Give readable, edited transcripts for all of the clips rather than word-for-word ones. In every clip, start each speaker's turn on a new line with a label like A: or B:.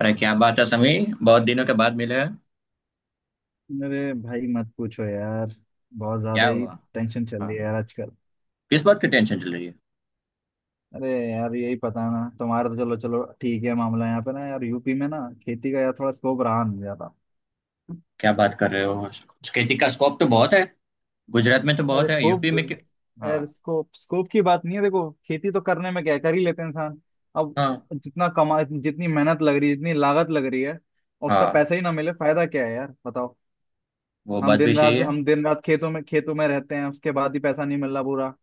A: अरे क्या बात है समीर, बहुत दिनों के बाद मिले हैं।
B: अरे भाई मत पूछो यार। बहुत
A: क्या
B: ज्यादा ही
A: हुआ?
B: टेंशन चल रही है
A: हाँ।
B: यार आजकल।
A: किस बात की टेंशन चल रही है?
B: अरे यार यही पता ना तुम्हारा। तो चलो चलो ठीक है। मामला यहाँ पे ना यार, यूपी में ना खेती का यार, थोड़ा स्कोप रहा नहीं ज्यादा।
A: क्या बात कर रहे हो? खेती का स्कोप तो बहुत है। गुजरात में तो
B: अरे
A: बहुत है, यूपी
B: स्कोप!
A: में क्यों? हाँ।
B: यार, स्कोप स्कोप की बात नहीं है, देखो खेती तो करने में क्या कर ही लेते हैं इंसान। अब
A: हाँ।
B: जितना कमा, जितनी मेहनत लग रही है, जितनी लागत लग रही है, और उसका
A: हाँ,
B: पैसा ही ना मिले, फायदा क्या है यार? बताओ।
A: वो
B: हम
A: बात भी
B: दिन
A: सही
B: रात
A: है।
B: हम दिन रात खेतों में रहते हैं, उसके बाद ही पैसा नहीं मिल रहा पूरा।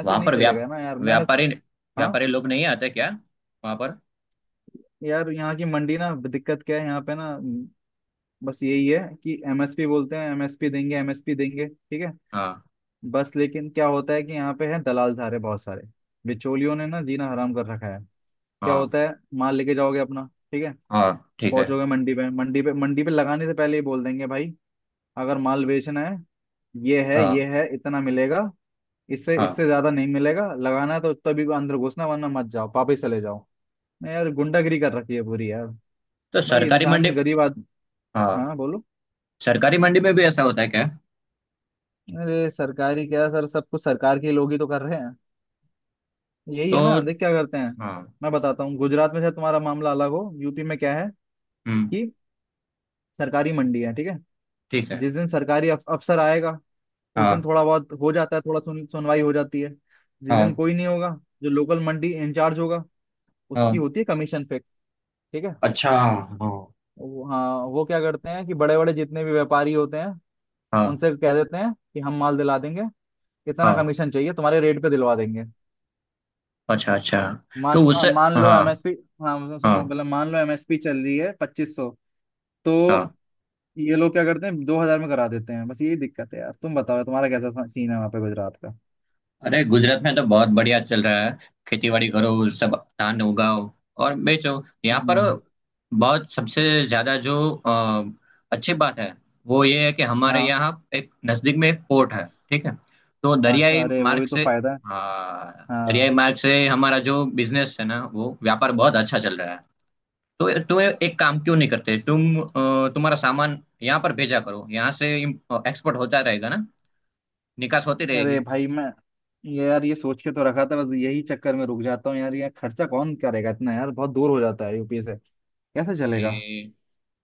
B: ऐसे
A: वहां
B: नहीं
A: पर
B: चलेगा ना यार, मेहनत।
A: व्यापारी
B: हाँ।
A: व्यापारी लोग नहीं आते क्या वहां पर?
B: यार यहाँ की मंडी ना, दिक्कत क्या है यहाँ पे ना, बस यही है कि एमएसपी बोलते हैं, एमएसपी देंगे, एमएसपी देंगे ठीक है।
A: हाँ।
B: बस लेकिन क्या होता है कि यहाँ पे है दलाल सारे, बहुत सारे बिचौलियों ने ना जीना हराम कर रखा है। क्या
A: हाँ।
B: होता है, माल लेके जाओगे अपना, ठीक है,
A: हाँ ठीक है।
B: पहुंचोगे मंडी पे। मंडी पे लगाने से पहले ही बोल देंगे, भाई अगर माल बेचना है, ये है।
A: हाँ।
B: इतना मिलेगा। इससे
A: हाँ।
B: इससे ज्यादा नहीं मिलेगा, लगाना है तो तभी अंदर घुसना, वरना मत जाओ, वापस चले जाओ। नहीं यार, गुंडागिरी कर रखी है पूरी यार।
A: तो
B: भाई
A: सरकारी मंडी,
B: इंसान गरीब आदमी।
A: हाँ,
B: हाँ, बोलो।
A: सरकारी मंडी में भी ऐसा होता है क्या?
B: अरे सरकारी क्या सर, सब कुछ सरकार के लोग ही तो कर रहे हैं। यही
A: तो
B: है ना, देख क्या करते हैं।
A: हाँ।
B: मैं बताता हूँ, गुजरात में शायद तुम्हारा मामला अलग हो, यूपी में क्या है
A: हम्म
B: कि सरकारी मंडी है ठीक है।
A: ठीक है।
B: जिस दिन सरकारी अफसर आएगा, उस दिन
A: हाँ।
B: थोड़ा बहुत हो जाता है, थोड़ा सुनवाई हो जाती है। जिस दिन
A: हाँ।
B: कोई नहीं होगा, जो लोकल मंडी इंचार्ज होगा, उसकी
A: हाँ,
B: होती है कमीशन फिक्स ठीक है।
A: अच्छा हाँ।
B: हाँ, वो क्या करते हैं कि बड़े बड़े जितने भी व्यापारी होते हैं,
A: हाँ।
B: उनसे कह देते हैं कि हम माल दिला देंगे, इतना
A: हाँ,
B: कमीशन चाहिए, तुम्हारे रेट पे दिलवा देंगे।
A: अच्छा अच्छा। तो
B: मान
A: उससे
B: मान लो
A: हाँ।
B: एमएसपी। हाँ सुनो,
A: हाँ।
B: पहले मान लो एमएसपी चल रही है 2500, तो
A: हाँ।
B: ये लोग क्या करते हैं 2000 में करा देते हैं। बस यही दिक्कत है यार। तुम बताओ, तुम्हारा कैसा सीन है वहाँ पे गुजरात का?
A: अरे गुजरात में तो बहुत बढ़िया चल रहा है। खेती बाड़ी करो सब, धान उगाओ और बेचो यहाँ पर।
B: हम्म,
A: बहुत सबसे ज्यादा जो अ, अच्छी बात है वो ये है कि हमारे
B: हाँ।
A: यहाँ एक नजदीक में एक पोर्ट है, ठीक है? तो
B: अच्छा,
A: दरियाई
B: अरे
A: मार्ग
B: वही तो
A: से
B: फायदा है।
A: हाँ, दरियाई
B: हाँ।
A: मार्ग से हमारा जो बिजनेस है ना, वो व्यापार बहुत अच्छा चल रहा है। तो तुम एक काम क्यों नहीं करते, तुम तुम्हारा सामान यहाँ पर भेजा करो। यहाँ से एक्सपोर्ट होता रहेगा ना, निकास होती
B: अरे
A: रहेगी।
B: भाई मैं, ये सोच के तो रखा था, बस यही चक्कर में रुक जाता हूँ यार। ये खर्चा कौन करेगा इतना यार, बहुत दूर हो जाता है यूपी से, कैसे चलेगा?
A: अरे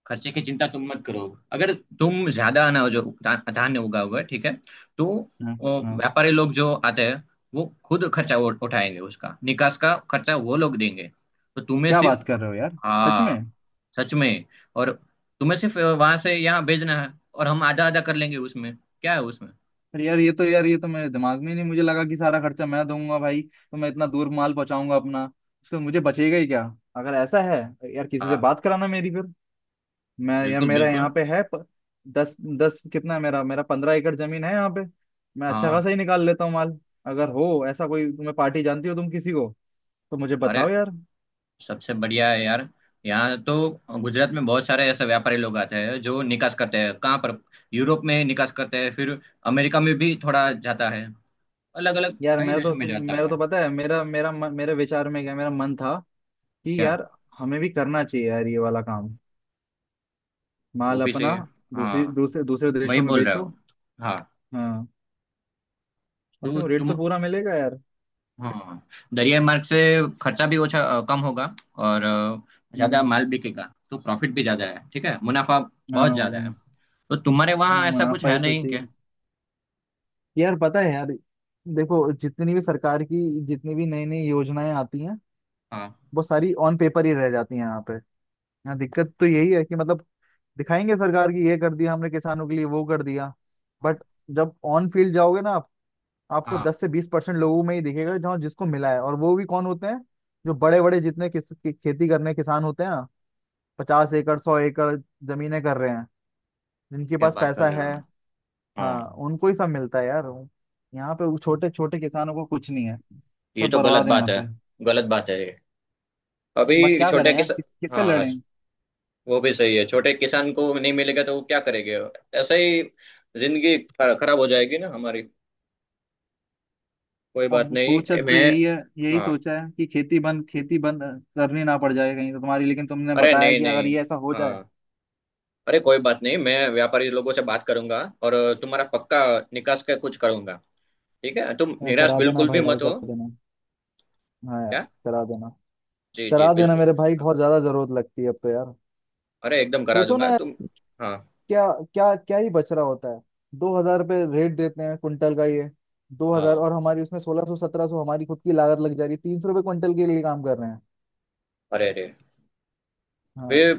A: खर्चे की चिंता तुम मत करो। अगर तुम ज्यादा अनाज जो धान्य उगा हुआ है, ठीक है, तो
B: हम्म हम्म
A: व्यापारी लोग जो आते हैं वो खुद खर्चा उठाएंगे। उसका निकास का खर्चा वो लोग देंगे। तो तुम्हें
B: क्या बात
A: सिर्फ
B: कर रहे हो यार, सच में?
A: हाँ, सच में। और तुम्हें सिर्फ वहां से यहाँ भेजना है, और हम आधा आधा कर लेंगे उसमें। क्या है उसमें?
B: अरे यार, ये तो मेरे दिमाग में ही नहीं, मुझे लगा कि सारा खर्चा मैं दूंगा भाई, तो मैं इतना दूर माल पहुंचाऊंगा अपना, उसका मुझे बचेगा ही क्या? अगर ऐसा है यार, किसी से
A: हाँ,
B: बात कराना मेरी फिर। मैं या
A: बिल्कुल
B: मेरा यहाँ
A: बिल्कुल।
B: पे है दस दस कितना है मेरा मेरा 15 एकड़ जमीन है यहाँ पे, मैं अच्छा
A: हाँ।
B: खासा ही निकाल लेता हूँ माल। अगर हो ऐसा कोई, तुम्हें पार्टी जानती हो तुम किसी को, तो मुझे बताओ
A: अरे
B: यार।
A: सबसे बढ़िया है यार यहाँ तो। गुजरात में बहुत सारे ऐसे व्यापारी लोग आते हैं जो निकास करते हैं। कहाँ पर? यूरोप में निकास करते हैं, फिर अमेरिका में भी थोड़ा जाता है। अलग अलग
B: यार
A: कई
B: मेरा तो
A: देशों में
B: तुम
A: जाता
B: मेरा तो
A: है।
B: पता है, मेरा मेरा मन- मेरे विचार में क्या, मेरा मन था कि
A: क्या?
B: यार हमें भी करना चाहिए यार, ये वाला काम।
A: वो
B: माल
A: भी सही
B: अपना
A: है।
B: दूसरी
A: हाँ,
B: दूसरे दूसरे
A: वही
B: देशों में
A: बोल रहे
B: बेचो।
A: हो। हाँ।
B: हाँ। कम से
A: तो
B: कम रेट
A: तुम
B: तो पूरा मिलेगा यार।
A: हाँ, दरियाई मार्ग से खर्चा भी कम होगा। और ज्यादा
B: हम्म,
A: माल बिकेगा तो प्रॉफिट भी ज्यादा है, ठीक है, मुनाफा बहुत
B: हाँ।
A: ज्यादा है। तो तुम्हारे
B: वो
A: वहाँ ऐसा कुछ
B: मुनाफा
A: है
B: ही तो
A: नहीं
B: चाहिए
A: क्या?
B: यार। पता है यार, देखो जितनी भी सरकार की, जितनी भी नई नई योजनाएं आती हैं,
A: हाँ।
B: वो सारी ऑन पेपर ही रह जाती हैं यहाँ पे। यहाँ दिक्कत तो यही है कि मतलब दिखाएंगे सरकार की, ये कर दिया हमने किसानों के लिए, वो कर दिया। बट
A: हाँ।
B: जब ऑन फील्ड जाओगे ना आप, आपको
A: हाँ।
B: 10 से 20% लोगों में ही दिखेगा, जहाँ जिसको मिला है, और वो भी कौन होते हैं? जो बड़े बड़े जितने खेती करने किसान होते हैं, 50 एकड़ 100 एकड़ जमीनें कर रहे हैं, जिनके
A: क्या
B: पास
A: बात कर
B: पैसा
A: रहे हो
B: है।
A: आप? हाँ।
B: हाँ। उनको ही सब मिलता है यार। यहाँ पे वो छोटे छोटे किसानों को कुछ नहीं है,
A: ये
B: सब
A: तो गलत
B: बर्बाद है यहाँ
A: बात है।
B: पे।
A: गलत बात है ये।
B: बट
A: अभी
B: क्या
A: छोटे
B: करें यार,
A: किसान
B: किससे
A: हाँ,
B: लड़ें?
A: वो भी सही है। छोटे किसान को नहीं मिलेगा तो वो क्या करेंगे? ऐसे ही जिंदगी खराब हो जाएगी ना हमारी। कोई बात
B: अब सोचा
A: नहीं
B: तो
A: मैं,
B: यही
A: हाँ।
B: सोचा है कि खेती बंद, खेती बंद करनी ना पड़ जाए कहीं, तो तुम्हारी लेकिन तुमने
A: अरे
B: बताया
A: नहीं
B: कि अगर
A: नहीं।
B: ये ऐसा हो जाए,
A: हाँ। अरे कोई बात नहीं, मैं व्यापारी लोगों से बात करूंगा, और तुम्हारा पक्का निकास का कुछ करूंगा। ठीक है? तुम
B: यार
A: निराश
B: करा देना
A: बिल्कुल भी
B: भाई, यार
A: मत
B: कर
A: हो।
B: देना। हाँ यार,
A: क्या?
B: करा देना।
A: जी जी
B: करा देना
A: बिल्कुल।
B: मेरे भाई, बहुत ज्यादा जरूरत लगती है अब तो यार।
A: अरे एकदम करा
B: सोचो ना
A: दूंगा
B: यार,
A: तुम। हाँ।
B: क्या क्या क्या ही बच रहा होता है? 2000 रुपये रेट देते हैं क्विंटल का ये, दो हजार,
A: हाँ।
B: और हमारी उसमें 1600 1700 हमारी खुद की लागत लग जा रही है, 300 रुपये क्विंटल के लिए काम कर रहे हैं।
A: अरे अरे, वे
B: हाँ।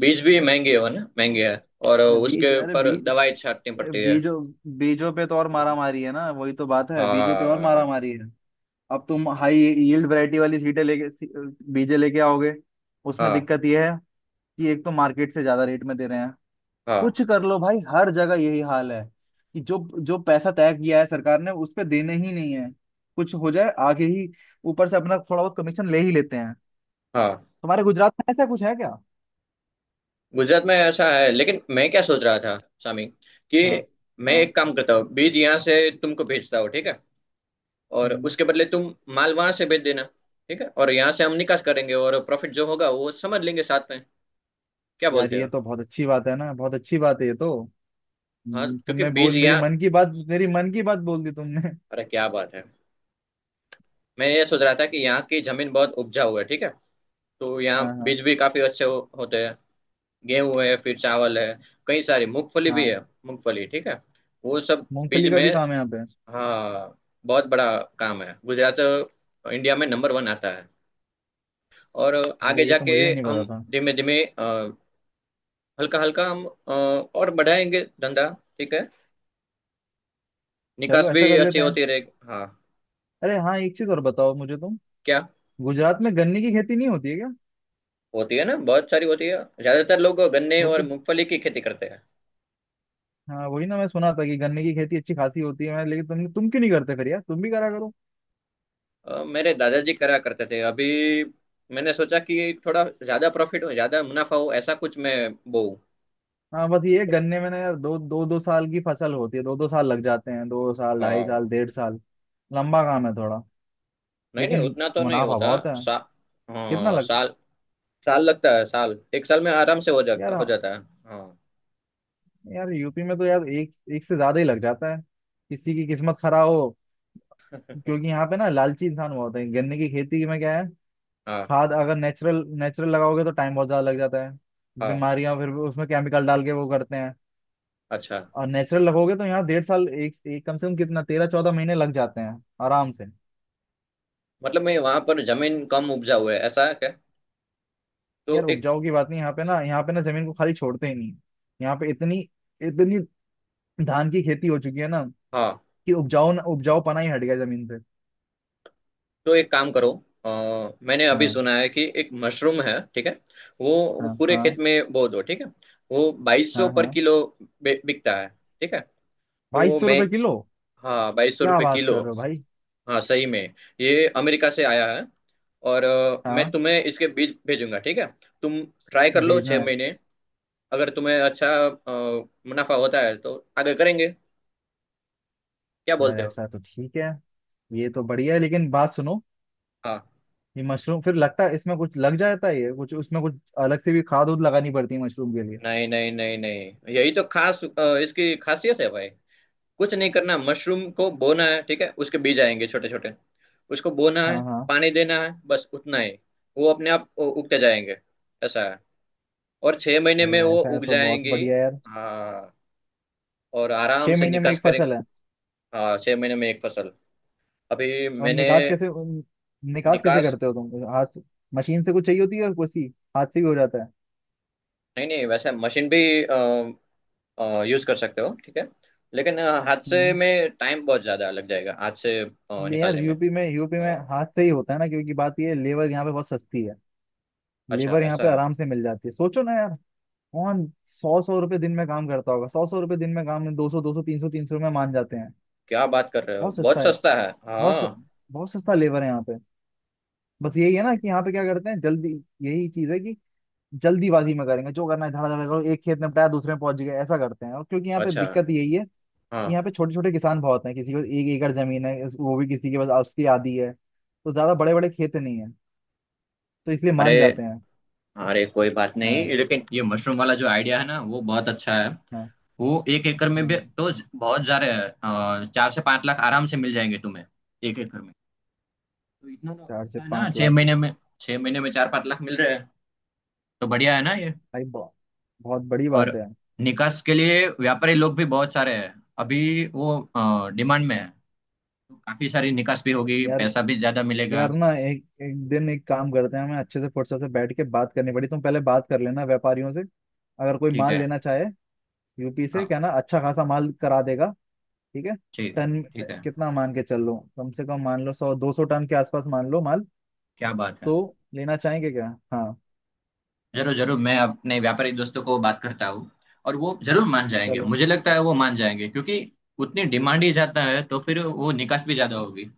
A: बीज भी महंगे हो ना, महंगे है। और
B: ना, बीज
A: उसके
B: अरे
A: पर
B: बीज
A: दवाई छाटनी पड़ती है।
B: बीजों बीजों पे तो और मारा मारी है ना, वही तो बात है, बीजों पे और मारा
A: हाँ।
B: मारी है। अब तुम हाई यील्ड वैरायटी वाली सीटें लेके बीजे लेके आओगे, उसमें
A: हाँ।
B: दिक्कत ये है कि एक तो मार्केट से ज्यादा रेट में दे रहे हैं।
A: हाँ।
B: कुछ कर लो भाई, हर जगह यही हाल है कि जो, पैसा तय किया है सरकार ने, उस पे देने ही नहीं है, कुछ हो जाए आगे ही, ऊपर से अपना थोड़ा बहुत कमीशन ले ही लेते हैं।
A: हाँ
B: तुम्हारे गुजरात में ऐसा कुछ है क्या?
A: गुजरात में ऐसा है, लेकिन मैं क्या सोच रहा था सामी, कि
B: हाँ।
A: मैं
B: हाँ।
A: एक काम करता हूँ, बीज यहाँ से तुमको भेजता हूँ, ठीक है? और
B: हम्म,
A: उसके बदले तुम माल वहां से भेज देना। ठीक है, और यहाँ से हम निकास करेंगे, और प्रॉफिट जो होगा वो समझ लेंगे साथ में। क्या
B: यार
A: बोलते
B: ये
A: हो?
B: तो बहुत अच्छी बात है ना, बहुत अच्छी बात है ये तो।
A: हाँ क्योंकि
B: तुमने
A: बीज
B: बोल, मेरी
A: यहाँ
B: मन की बात, मेरी मन की बात बोल दी तुमने।
A: अरे क्या बात है। मैं ये सोच रहा था कि यहाँ की जमीन बहुत उपजाऊ है, ठीक है, तो
B: हाँ।
A: यहाँ
B: हाँ।
A: बीज भी काफी अच्छे होते हैं। गेहूं है, फिर चावल है, कई सारी मूंगफली भी है।
B: हाँ।
A: मूंगफली ठीक है, वो सब बीज
B: मूंगफली का
A: में
B: भी काम है यहाँ पे।
A: हाँ बहुत बड़ा काम है। गुजरात इंडिया में नंबर वन आता है। और आगे
B: अरे ये तो
A: जाके
B: मुझे ही नहीं
A: हम
B: पता था।
A: धीमे धीमे हल्का हल्का हम और बढ़ाएंगे धंधा, ठीक है? निकास
B: चलो ऐसा
A: भी
B: कर
A: अच्छी
B: लेते हैं।
A: होती रहेगी हाँ।
B: अरे हाँ, एक चीज और बताओ मुझे तुम,
A: क्या?
B: गुजरात में गन्ने की खेती नहीं होती है क्या?
A: होती है ना, बहुत सारी होती है। ज्यादातर लोग गन्ने और
B: होती।
A: मूंगफली की खेती करते हैं।
B: हाँ वही ना, मैं सुना था कि गन्ने की खेती अच्छी खासी होती है मैं, लेकिन तुम क्यों नहीं करते फिर यार, तुम भी करा करो।
A: मेरे दादाजी करा करते थे। अभी मैंने सोचा कि थोड़ा ज्यादा प्रॉफिट हो, ज्यादा मुनाफा हो, ऐसा कुछ मैं बोऊं।
B: हाँ बस ये है, गन्ने में ना यार दो दो दो साल की फसल होती है, दो दो साल लग जाते हैं, दो साल, ढाई
A: हाँ
B: साल, डेढ़ साल, लंबा काम है थोड़ा,
A: नहीं नहीं,
B: लेकिन
A: उतना तो नहीं
B: मुनाफा
A: होता।
B: बहुत है।
A: सा,
B: कितना
A: हाँ
B: लग।
A: साल, साल लगता है साल। एक साल में आराम से हो जाता,
B: यार,
A: हो
B: हाँ,
A: जाता है। हाँ।
B: यार यूपी में तो यार, एक एक से ज्यादा ही लग जाता है, किसी की किस्मत खराब हो। क्योंकि यहाँ पे ना लालची इंसान बहुत है। गन्ने की खेती में क्या है,
A: हाँ।
B: खाद अगर नेचुरल, नेचुरल लगाओगे तो टाइम बहुत ज्यादा लग जाता है,
A: हाँ।
B: बीमारियां फिर उसमें केमिकल डाल के वो करते हैं।
A: अच्छा
B: और नेचुरल लगोगे तो यहाँ डेढ़ साल, एक कम से कम कितना, 13 14 महीने लग जाते हैं आराम से।
A: मतलब मैं, वहां पर जमीन कम उपजाऊ है ऐसा है क्या? तो
B: यार
A: एक
B: उपजाऊ की बात नहीं, यहाँ पे ना, यहाँ पे ना जमीन को खाली छोड़ते ही नहीं, यहाँ पे इतनी, इतनी धान की खेती हो चुकी है ना
A: हाँ,
B: कि उपजाऊ, उपजाऊ पना ही हट गया जमीन से।
A: तो एक काम करो। अ, मैंने अभी
B: हाँ।
A: सुना है कि एक मशरूम है, ठीक है? वो
B: हाँ।
A: पूरे खेत
B: हाँ।
A: में बो दो, ठीक है? वो 2200
B: हाँ।
A: पर
B: हाँ।
A: किलो बिकता है, ठीक है,
B: बाईस
A: तो
B: सौ
A: मैं
B: रुपए किलो
A: हाँ। 2200
B: क्या
A: रुपये
B: बात
A: किलो,
B: कर रहे हो भाई!
A: हाँ सही में। ये अमेरिका से आया है। और मैं
B: हाँ।
A: तुम्हें इसके बीज भेजूंगा, ठीक है? तुम ट्राई कर लो
B: भेजना
A: छः
B: है।
A: महीने अगर तुम्हें अच्छा मुनाफा होता है तो आगे करेंगे, क्या
B: यार
A: बोलते हो?
B: ऐसा तो ठीक है, ये तो बढ़िया है, लेकिन बात सुनो,
A: हाँ
B: ये मशरूम फिर लगता है इसमें कुछ लग जाता है, ये कुछ उसमें कुछ अलग से भी खाद उद लगानी पड़ती है मशरूम के लिए।
A: नहीं नहीं नहीं नहीं, यही तो खास इसकी खासियत है भाई। कुछ नहीं करना, मशरूम को बोना है, ठीक है? उसके बीज आएंगे छोटे छोटे, उसको बोना है,
B: हाँ। हाँ।
A: पानी देना है, बस उतना ही। वो अपने आप उगते जाएंगे। ऐसा है। और 6 महीने में
B: अगर
A: वो
B: ऐसा है
A: उग
B: तो बहुत
A: जाएंगे।
B: बढ़िया यार।
A: हाँ और आराम
B: छह
A: से
B: महीने में
A: निकास
B: एक
A: करेंगे।
B: फसल है?
A: हाँ 6 महीने में एक फसल। अभी
B: और
A: मैंने
B: निकास कैसे, निकास कैसे
A: निकास
B: करते हो तुम? हाथ मशीन से कुछ चाहिए होती है या कुछ ही हाथ से भी हो जाता है?
A: नहीं नहीं, वैसे मशीन भी यूज कर सकते हो, ठीक है, लेकिन हाथ से
B: हम्म
A: में टाइम बहुत ज्यादा लग जाएगा, हाथ से
B: ले यार
A: निकालने में।
B: यूपी में, यूपी में
A: अ,
B: हाथ से ही होता है ना, क्योंकि बात ये है, लेबर यहाँ पे बहुत सस्ती है,
A: अच्छा
B: लेबर यहाँ
A: ऐसा
B: पे
A: है।
B: आराम से मिल जाती है। सोचो ना यार, कौन सौ सौ रुपए दिन में काम करता होगा? सौ सौ रुपए दिन में काम में, दो सौ तीन सौ तीन सौ में मान जाते हैं।
A: क्या बात कर रहे हो,
B: बहुत सस्ता
A: बहुत
B: है,
A: सस्ता है।
B: बहुत स-
A: हाँ
B: बहुत सस्ता लेबर है यहाँ पे। बस यही है ना कि यहाँ पे क्या करते हैं जल्दी, यही चीज है कि जल्दीबाजी में करेंगे जो करना है, धड़ाधड़ करो, एक खेत निपटाया दूसरे में पहुंच गए, ऐसा करते हैं। और क्योंकि यहाँ पे
A: अच्छा।
B: दिक्कत यही है कि
A: हाँ।
B: यहाँ पे छोटे छोटे किसान बहुत हैं, किसी के पास एक एकड़ जमीन है वो भी किसी के पास उसकी आधी है, तो ज्यादा बड़े बड़े खेत नहीं है, तो इसलिए मान
A: अरे
B: जाते हैं।
A: अरे कोई बात
B: हाँ।
A: नहीं, लेकिन ये मशरूम वाला जो आइडिया है ना वो बहुत अच्छा है।
B: हाँ।
A: वो 1 एकड़ में भी
B: हाँ।
A: तो बहुत जा रहे हैं, 4 से 5 लाख आराम से मिल जाएंगे तुम्हें, 1 एकड़ में। तो इतना तो
B: चार से
A: अच्छा है ना
B: पांच
A: छह
B: लाख के!
A: महीने में? छह महीने में 4-5 लाख मिल रहे हैं तो बढ़िया है ना ये।
B: भाई बहुत, बहुत बड़ी बात
A: और
B: है।
A: निकास के लिए व्यापारी लोग भी बहुत सारे हैं अभी। वो डिमांड में है तो काफी सारी निकास भी होगी,
B: यार,
A: पैसा भी ज्यादा मिलेगा।
B: यार ना, एक एक दिन एक काम करते हैं, हमें अच्छे से फुर्सत से बैठ के बात करनी पड़ी, तुम पहले बात कर लेना व्यापारियों से, अगर कोई
A: ठीक
B: माल
A: है।
B: लेना चाहे यूपी से,
A: हाँ,
B: कहना अच्छा खासा माल करा देगा ठीक है।
A: ठीक।
B: टन,
A: ठीक है।
B: कितना मान के चल लो, कम से कम मान लो 100 200 टन के आसपास, मान लो माल
A: क्या बात है।
B: तो लेना चाहेंगे क्या? हाँ।
A: जरूर जरूर, मैं अपने व्यापारी दोस्तों को बात करता हूँ, और वो जरूर मान जाएंगे।
B: चलो।
A: मुझे लगता है वो मान जाएंगे, क्योंकि उतनी डिमांड ही ज्यादा है तो फिर वो निकास भी ज्यादा होगी।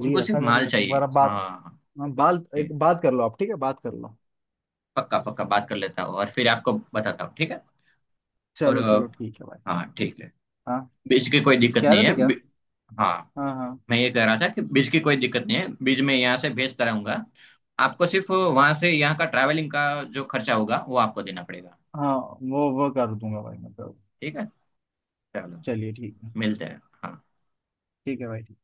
A: उनको सिर्फ
B: ऐसा कर
A: माल
B: लेते हैं एक बार,
A: चाहिए।
B: अब बात।
A: हाँ
B: हाँ, बाल, एक
A: ठीक।
B: बात कर लो आप ठीक है, बात कर लो।
A: पक्का पक्का बात कर लेता हूँ और फिर आपको बताता हूँ, ठीक है? और
B: चलो, चलो ठीक है भाई।
A: हाँ ठीक है।
B: हाँ।
A: बीज की कोई
B: तो जो
A: दिक्कत
B: कह
A: नहीं
B: रहे थे,
A: है
B: क्या?
A: हाँ।
B: हाँ। हाँ।
A: मैं ये कह रहा था कि बीज की कोई दिक्कत नहीं है, बीज मैं यहाँ से भेजता रहूंगा। आपको सिर्फ वहां से यहाँ का ट्रैवलिंग का जो खर्चा होगा वो आपको देना पड़ेगा।
B: हाँ। वो कर दूंगा भाई मैं कर।
A: ठीक है। चलो
B: चलिए ठीक है।
A: मिलते हैं, हाँ।
B: ठीक है भाई।